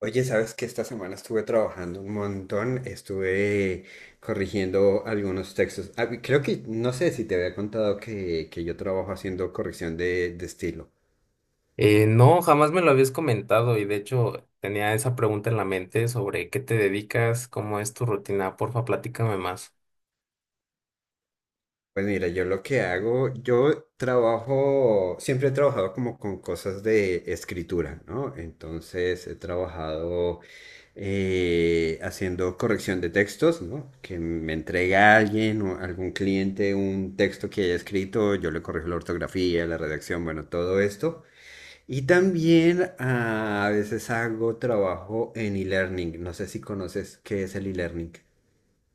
Oye, sabes que esta semana estuve trabajando un montón, estuve corrigiendo algunos textos. Ah, y creo que, no sé si te había contado que yo trabajo haciendo corrección de estilo. No, jamás me lo habías comentado, y de hecho tenía esa pregunta en la mente sobre qué te dedicas, cómo es tu rutina. Porfa, platícame más. Pues mira, yo lo que hago, yo trabajo, siempre he trabajado como con cosas de escritura, ¿no? Entonces he trabajado haciendo corrección de textos, ¿no? Que me entrega alguien o algún cliente un texto que haya escrito, yo le corrijo la ortografía, la redacción, bueno, todo esto. Y también ah, a veces hago trabajo en e-learning. No sé si conoces qué es el e-learning.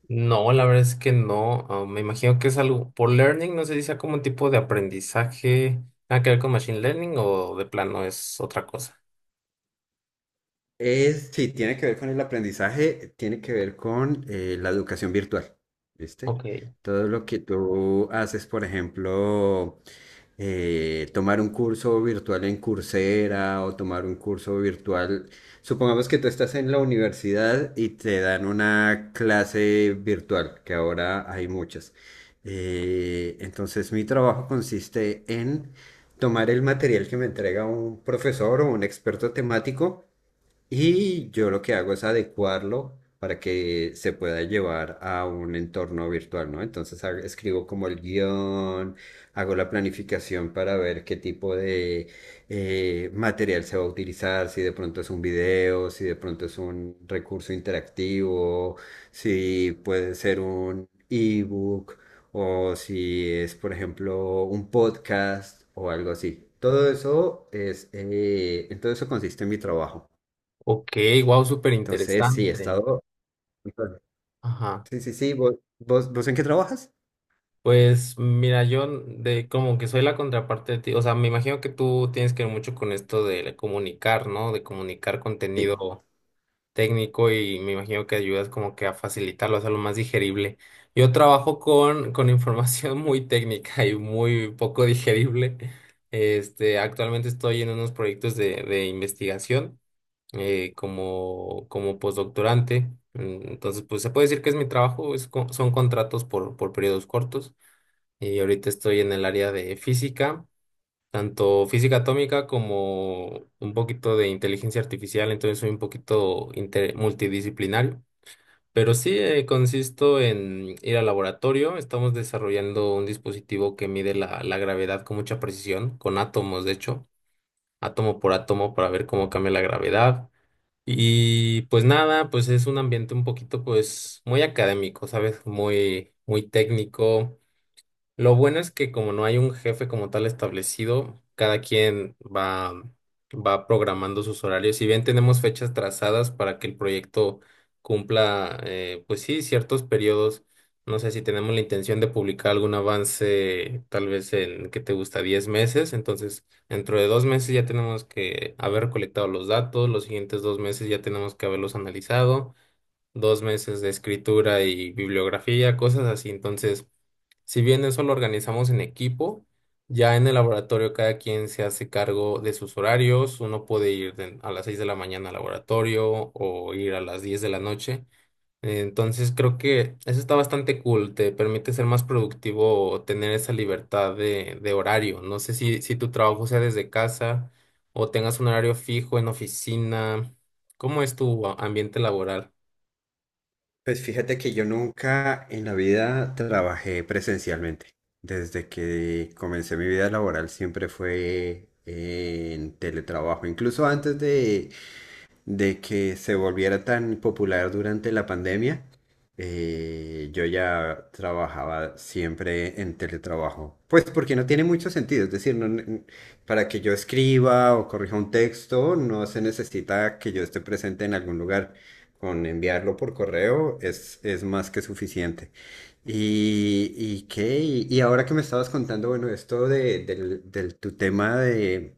No, la verdad es que no, me imagino que es algo por learning, no sé si sea como un tipo de aprendizaje, nada que ver con machine learning o de plano es otra cosa. Es, sí, tiene que ver con el aprendizaje, tiene que ver con la educación virtual, ¿viste? Ok, Todo lo que tú haces, por ejemplo, tomar un curso virtual en Coursera o tomar un curso virtual. Supongamos que tú estás en la universidad y te dan una clase virtual, que ahora hay muchas. Entonces, mi trabajo consiste en tomar el material que me entrega un profesor o un experto temático y yo lo que hago es adecuarlo para que se pueda llevar a un entorno virtual, ¿no? Entonces escribo como el guión, hago la planificación para ver qué tipo de material se va a utilizar, si de pronto es un video, si de pronto es un recurso interactivo, si puede ser un ebook o si es, por ejemplo, un podcast o algo así. Todo eso es, en todo eso consiste en mi trabajo. ok, wow, súper Entonces, sí, he interesante. estado. Ajá. Sí, sí, sí. ¿Vos en qué trabajas? Pues mira, yo de como que soy la contraparte de ti, o sea, me imagino que tú tienes que ver mucho con esto de comunicar, ¿no? De comunicar Sí. contenido técnico, y me imagino que ayudas como que a facilitarlo, a hacerlo más digerible. Yo trabajo con información muy técnica y muy poco digerible. Este, actualmente estoy en unos proyectos de investigación, como postdoctorante. Entonces, pues se puede decir que es mi trabajo, es son contratos por periodos cortos. Y ahorita estoy en el área de física, tanto física atómica como un poquito de inteligencia artificial, entonces soy un poquito multidisciplinario. Pero sí, consisto en ir al laboratorio. Estamos desarrollando un dispositivo que mide la gravedad con mucha precisión, con átomos, de hecho, átomo por átomo, para ver cómo cambia la gravedad. Y pues nada, pues es un ambiente un poquito, pues, muy académico, ¿sabes? Muy, muy técnico. Lo bueno es que como no hay un jefe como tal establecido, cada quien va programando sus horarios. Si bien tenemos fechas trazadas para que el proyecto cumpla, pues sí, ciertos periodos. No sé si tenemos la intención de publicar algún avance, tal vez en, ¿qué te gusta? 10 meses. Entonces, dentro de 2 meses ya tenemos que haber recolectado los datos, los siguientes 2 meses ya tenemos que haberlos analizado, 2 meses de escritura y bibliografía, cosas así. Entonces... Si bien eso lo organizamos en equipo, ya en el laboratorio cada quien se hace cargo de sus horarios. Uno puede ir a las 6 de la mañana al laboratorio o ir a las 10 de la noche. Entonces creo que eso está bastante cool. Te permite ser más productivo o tener esa libertad de horario. No sé si tu trabajo sea desde casa o tengas un horario fijo en oficina. ¿Cómo es tu ambiente laboral? Pues fíjate que yo nunca en la vida trabajé presencialmente. Desde que comencé mi vida laboral siempre fue en teletrabajo. Incluso antes de, que se volviera tan popular durante la pandemia, yo ya trabajaba siempre en teletrabajo. Pues porque no tiene mucho sentido, es decir, no ne- para que yo escriba o corrija un texto, no se necesita que yo esté presente en algún lugar. Con enviarlo por correo es más que suficiente. ¿Y qué? Y ahora que me estabas contando, bueno, esto tu tema de,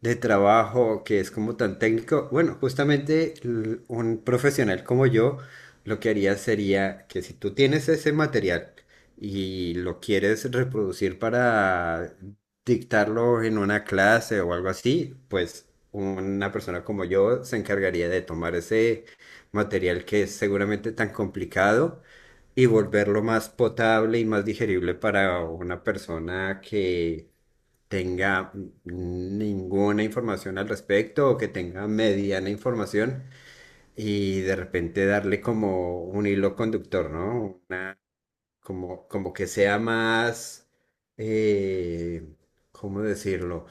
de trabajo que es como tan técnico. Bueno, justamente un profesional como yo lo que haría sería que si tú tienes ese material y lo quieres reproducir para dictarlo en una clase o algo así, pues una persona como yo se encargaría de tomar ese material que es seguramente tan complicado y volverlo más potable y más digerible para una persona que tenga ninguna información al respecto o que tenga mediana información y de repente darle como un hilo conductor, ¿no? Una, como que sea más, eh, ¿cómo decirlo?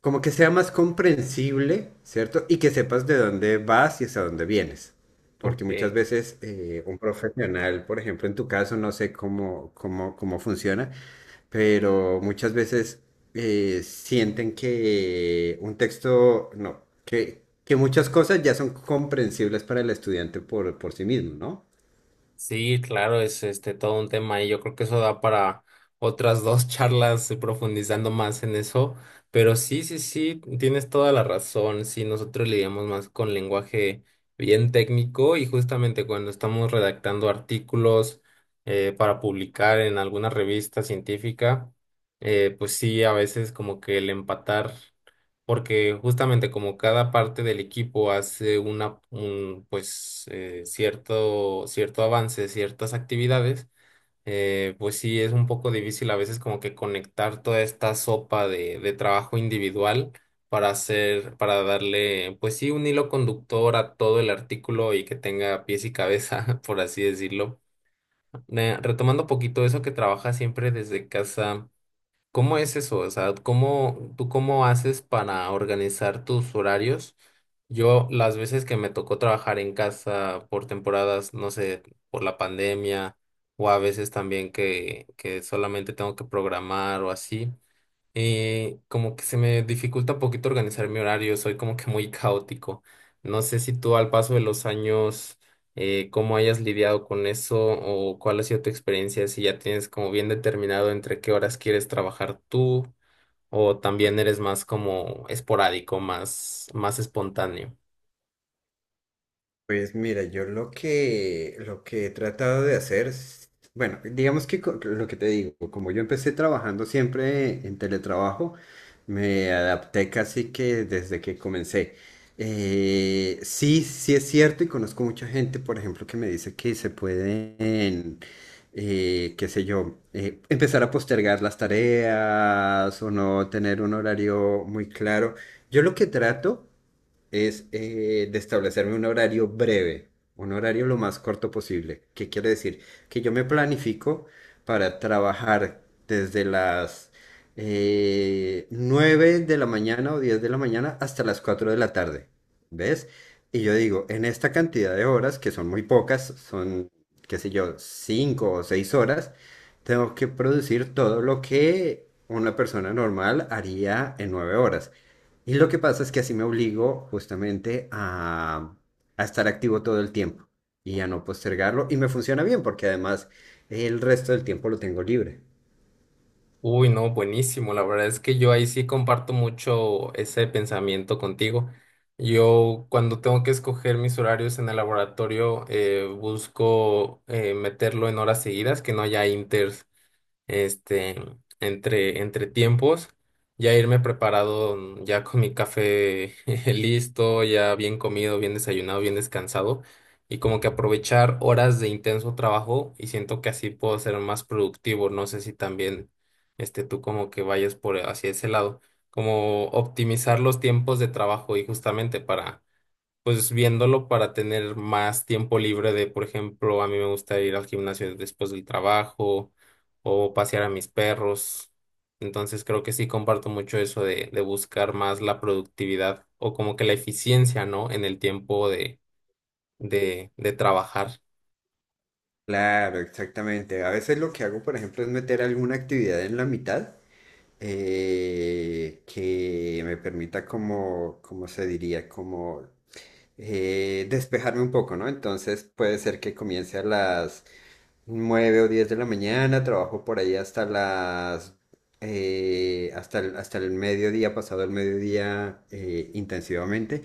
Como que sea más comprensible, ¿cierto? Y que sepas de dónde vas y hacia dónde vienes. Porque Ok. muchas veces un profesional, por ejemplo, en tu caso, no sé cómo funciona, pero muchas veces sienten que un texto, no, que muchas cosas ya son comprensibles para el estudiante por sí mismo, ¿no? Sí, claro, es este todo un tema y yo creo que eso da para otras dos charlas, profundizando más en eso, pero sí, sí, sí, tienes toda la razón. Sí, nosotros lidiamos más con lenguaje bien técnico, y justamente cuando estamos redactando artículos para publicar en alguna revista científica, pues sí, a veces como que el empatar, porque justamente como cada parte del equipo hace una, un, pues, cierto avance, ciertas actividades, pues sí, es un poco difícil a veces como que conectar toda esta sopa de trabajo individual para hacer, para darle, pues sí, un hilo conductor a todo el artículo y que tenga pies y cabeza, por así decirlo. Retomando un poquito eso que trabaja siempre desde casa. ¿Cómo es eso? O sea, ¿cómo, tú cómo haces para organizar tus horarios? Yo las veces que me tocó trabajar en casa por temporadas, no sé, por la pandemia, o a veces también que solamente tengo que programar o así, y como que se me dificulta un poquito organizar mi horario, soy como que muy caótico. No sé si tú al paso de los años, cómo hayas lidiado con eso o cuál ha sido tu experiencia, si ya tienes como bien determinado entre qué horas quieres trabajar tú, o también eres más como esporádico, más espontáneo. Pues mira, yo lo que he tratado de hacer, bueno, digamos que lo que te digo, como yo empecé trabajando siempre en teletrabajo, me adapté casi que desde que comencé. Sí, sí es cierto y conozco mucha gente, por ejemplo, que me dice que se pueden, qué sé yo, empezar a postergar las tareas o no tener un horario muy claro. Yo lo que trato es de establecerme un horario breve, un horario lo más corto posible. ¿Qué quiere decir? Que yo me planifico para trabajar desde las 9 de la mañana o 10 de la mañana hasta las 4 de la tarde, ¿ves? Y yo digo, en esta cantidad de horas, que son muy pocas, son, qué sé yo, 5 o 6 horas, tengo que producir todo lo que una persona normal haría en 9 horas. Y lo que pasa es que así me obligo justamente a estar activo todo el tiempo y a no postergarlo. Y me funciona bien porque además el resto del tiempo lo tengo libre. Uy, no, buenísimo. La verdad es que yo ahí sí comparto mucho ese pensamiento contigo. Yo cuando tengo que escoger mis horarios en el laboratorio, busco meterlo en horas seguidas, que no haya inter este, entre tiempos, ya irme preparado, ya con mi café listo, ya bien comido, bien desayunado, bien descansado, y como que aprovechar horas de intenso trabajo, y siento que así puedo ser más productivo. No sé si también este, tú como que vayas por hacia ese lado, como optimizar los tiempos de trabajo y justamente para, pues viéndolo para tener más tiempo libre de, por ejemplo, a mí me gusta ir al gimnasio después del trabajo o pasear a mis perros. Entonces creo que sí comparto mucho eso de buscar más la productividad o como que la eficiencia, ¿no? En el tiempo de trabajar. Claro, exactamente. A veces lo que hago, por ejemplo, es meter alguna actividad en la mitad que me permita como, como se diría, como despejarme un poco, ¿no? Entonces puede ser que comience a las 9 o 10 de la mañana, trabajo por ahí hasta el mediodía, pasado el mediodía intensivamente.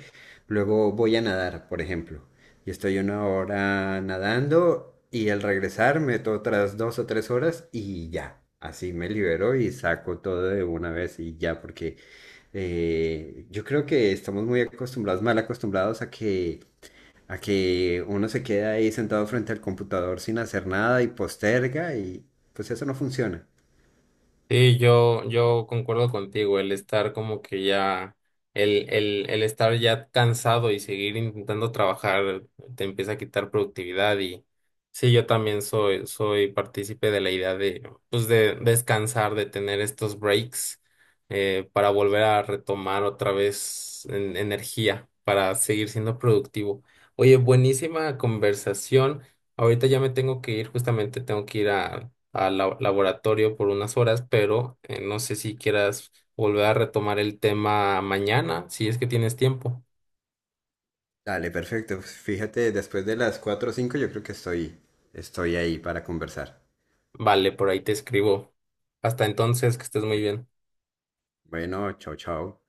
Luego voy a nadar, por ejemplo. Y estoy una hora nadando y al regresar meto otras 2 o 3 horas y ya. Así me libero y saco todo de una vez y ya, porque yo creo que estamos muy acostumbrados, mal acostumbrados a que uno se queda ahí sentado frente al computador sin hacer nada y posterga y pues eso no funciona. Sí, yo concuerdo contigo. El estar como que ya, el estar ya cansado y seguir intentando trabajar te empieza a quitar productividad, y sí, yo también soy, partícipe de la idea de, pues, de descansar, de tener estos breaks, para volver a retomar otra vez energía, para seguir siendo productivo. Oye, buenísima conversación. Ahorita ya me tengo que ir, justamente tengo que ir al laboratorio por unas horas, pero no sé si quieras volver a retomar el tema mañana, si es que tienes tiempo. Dale, perfecto. Pues, fíjate, después de las 4 o 5 yo creo que estoy ahí para conversar. Vale, por ahí te escribo. Hasta entonces, que estés muy bien. Bueno, chao, chao.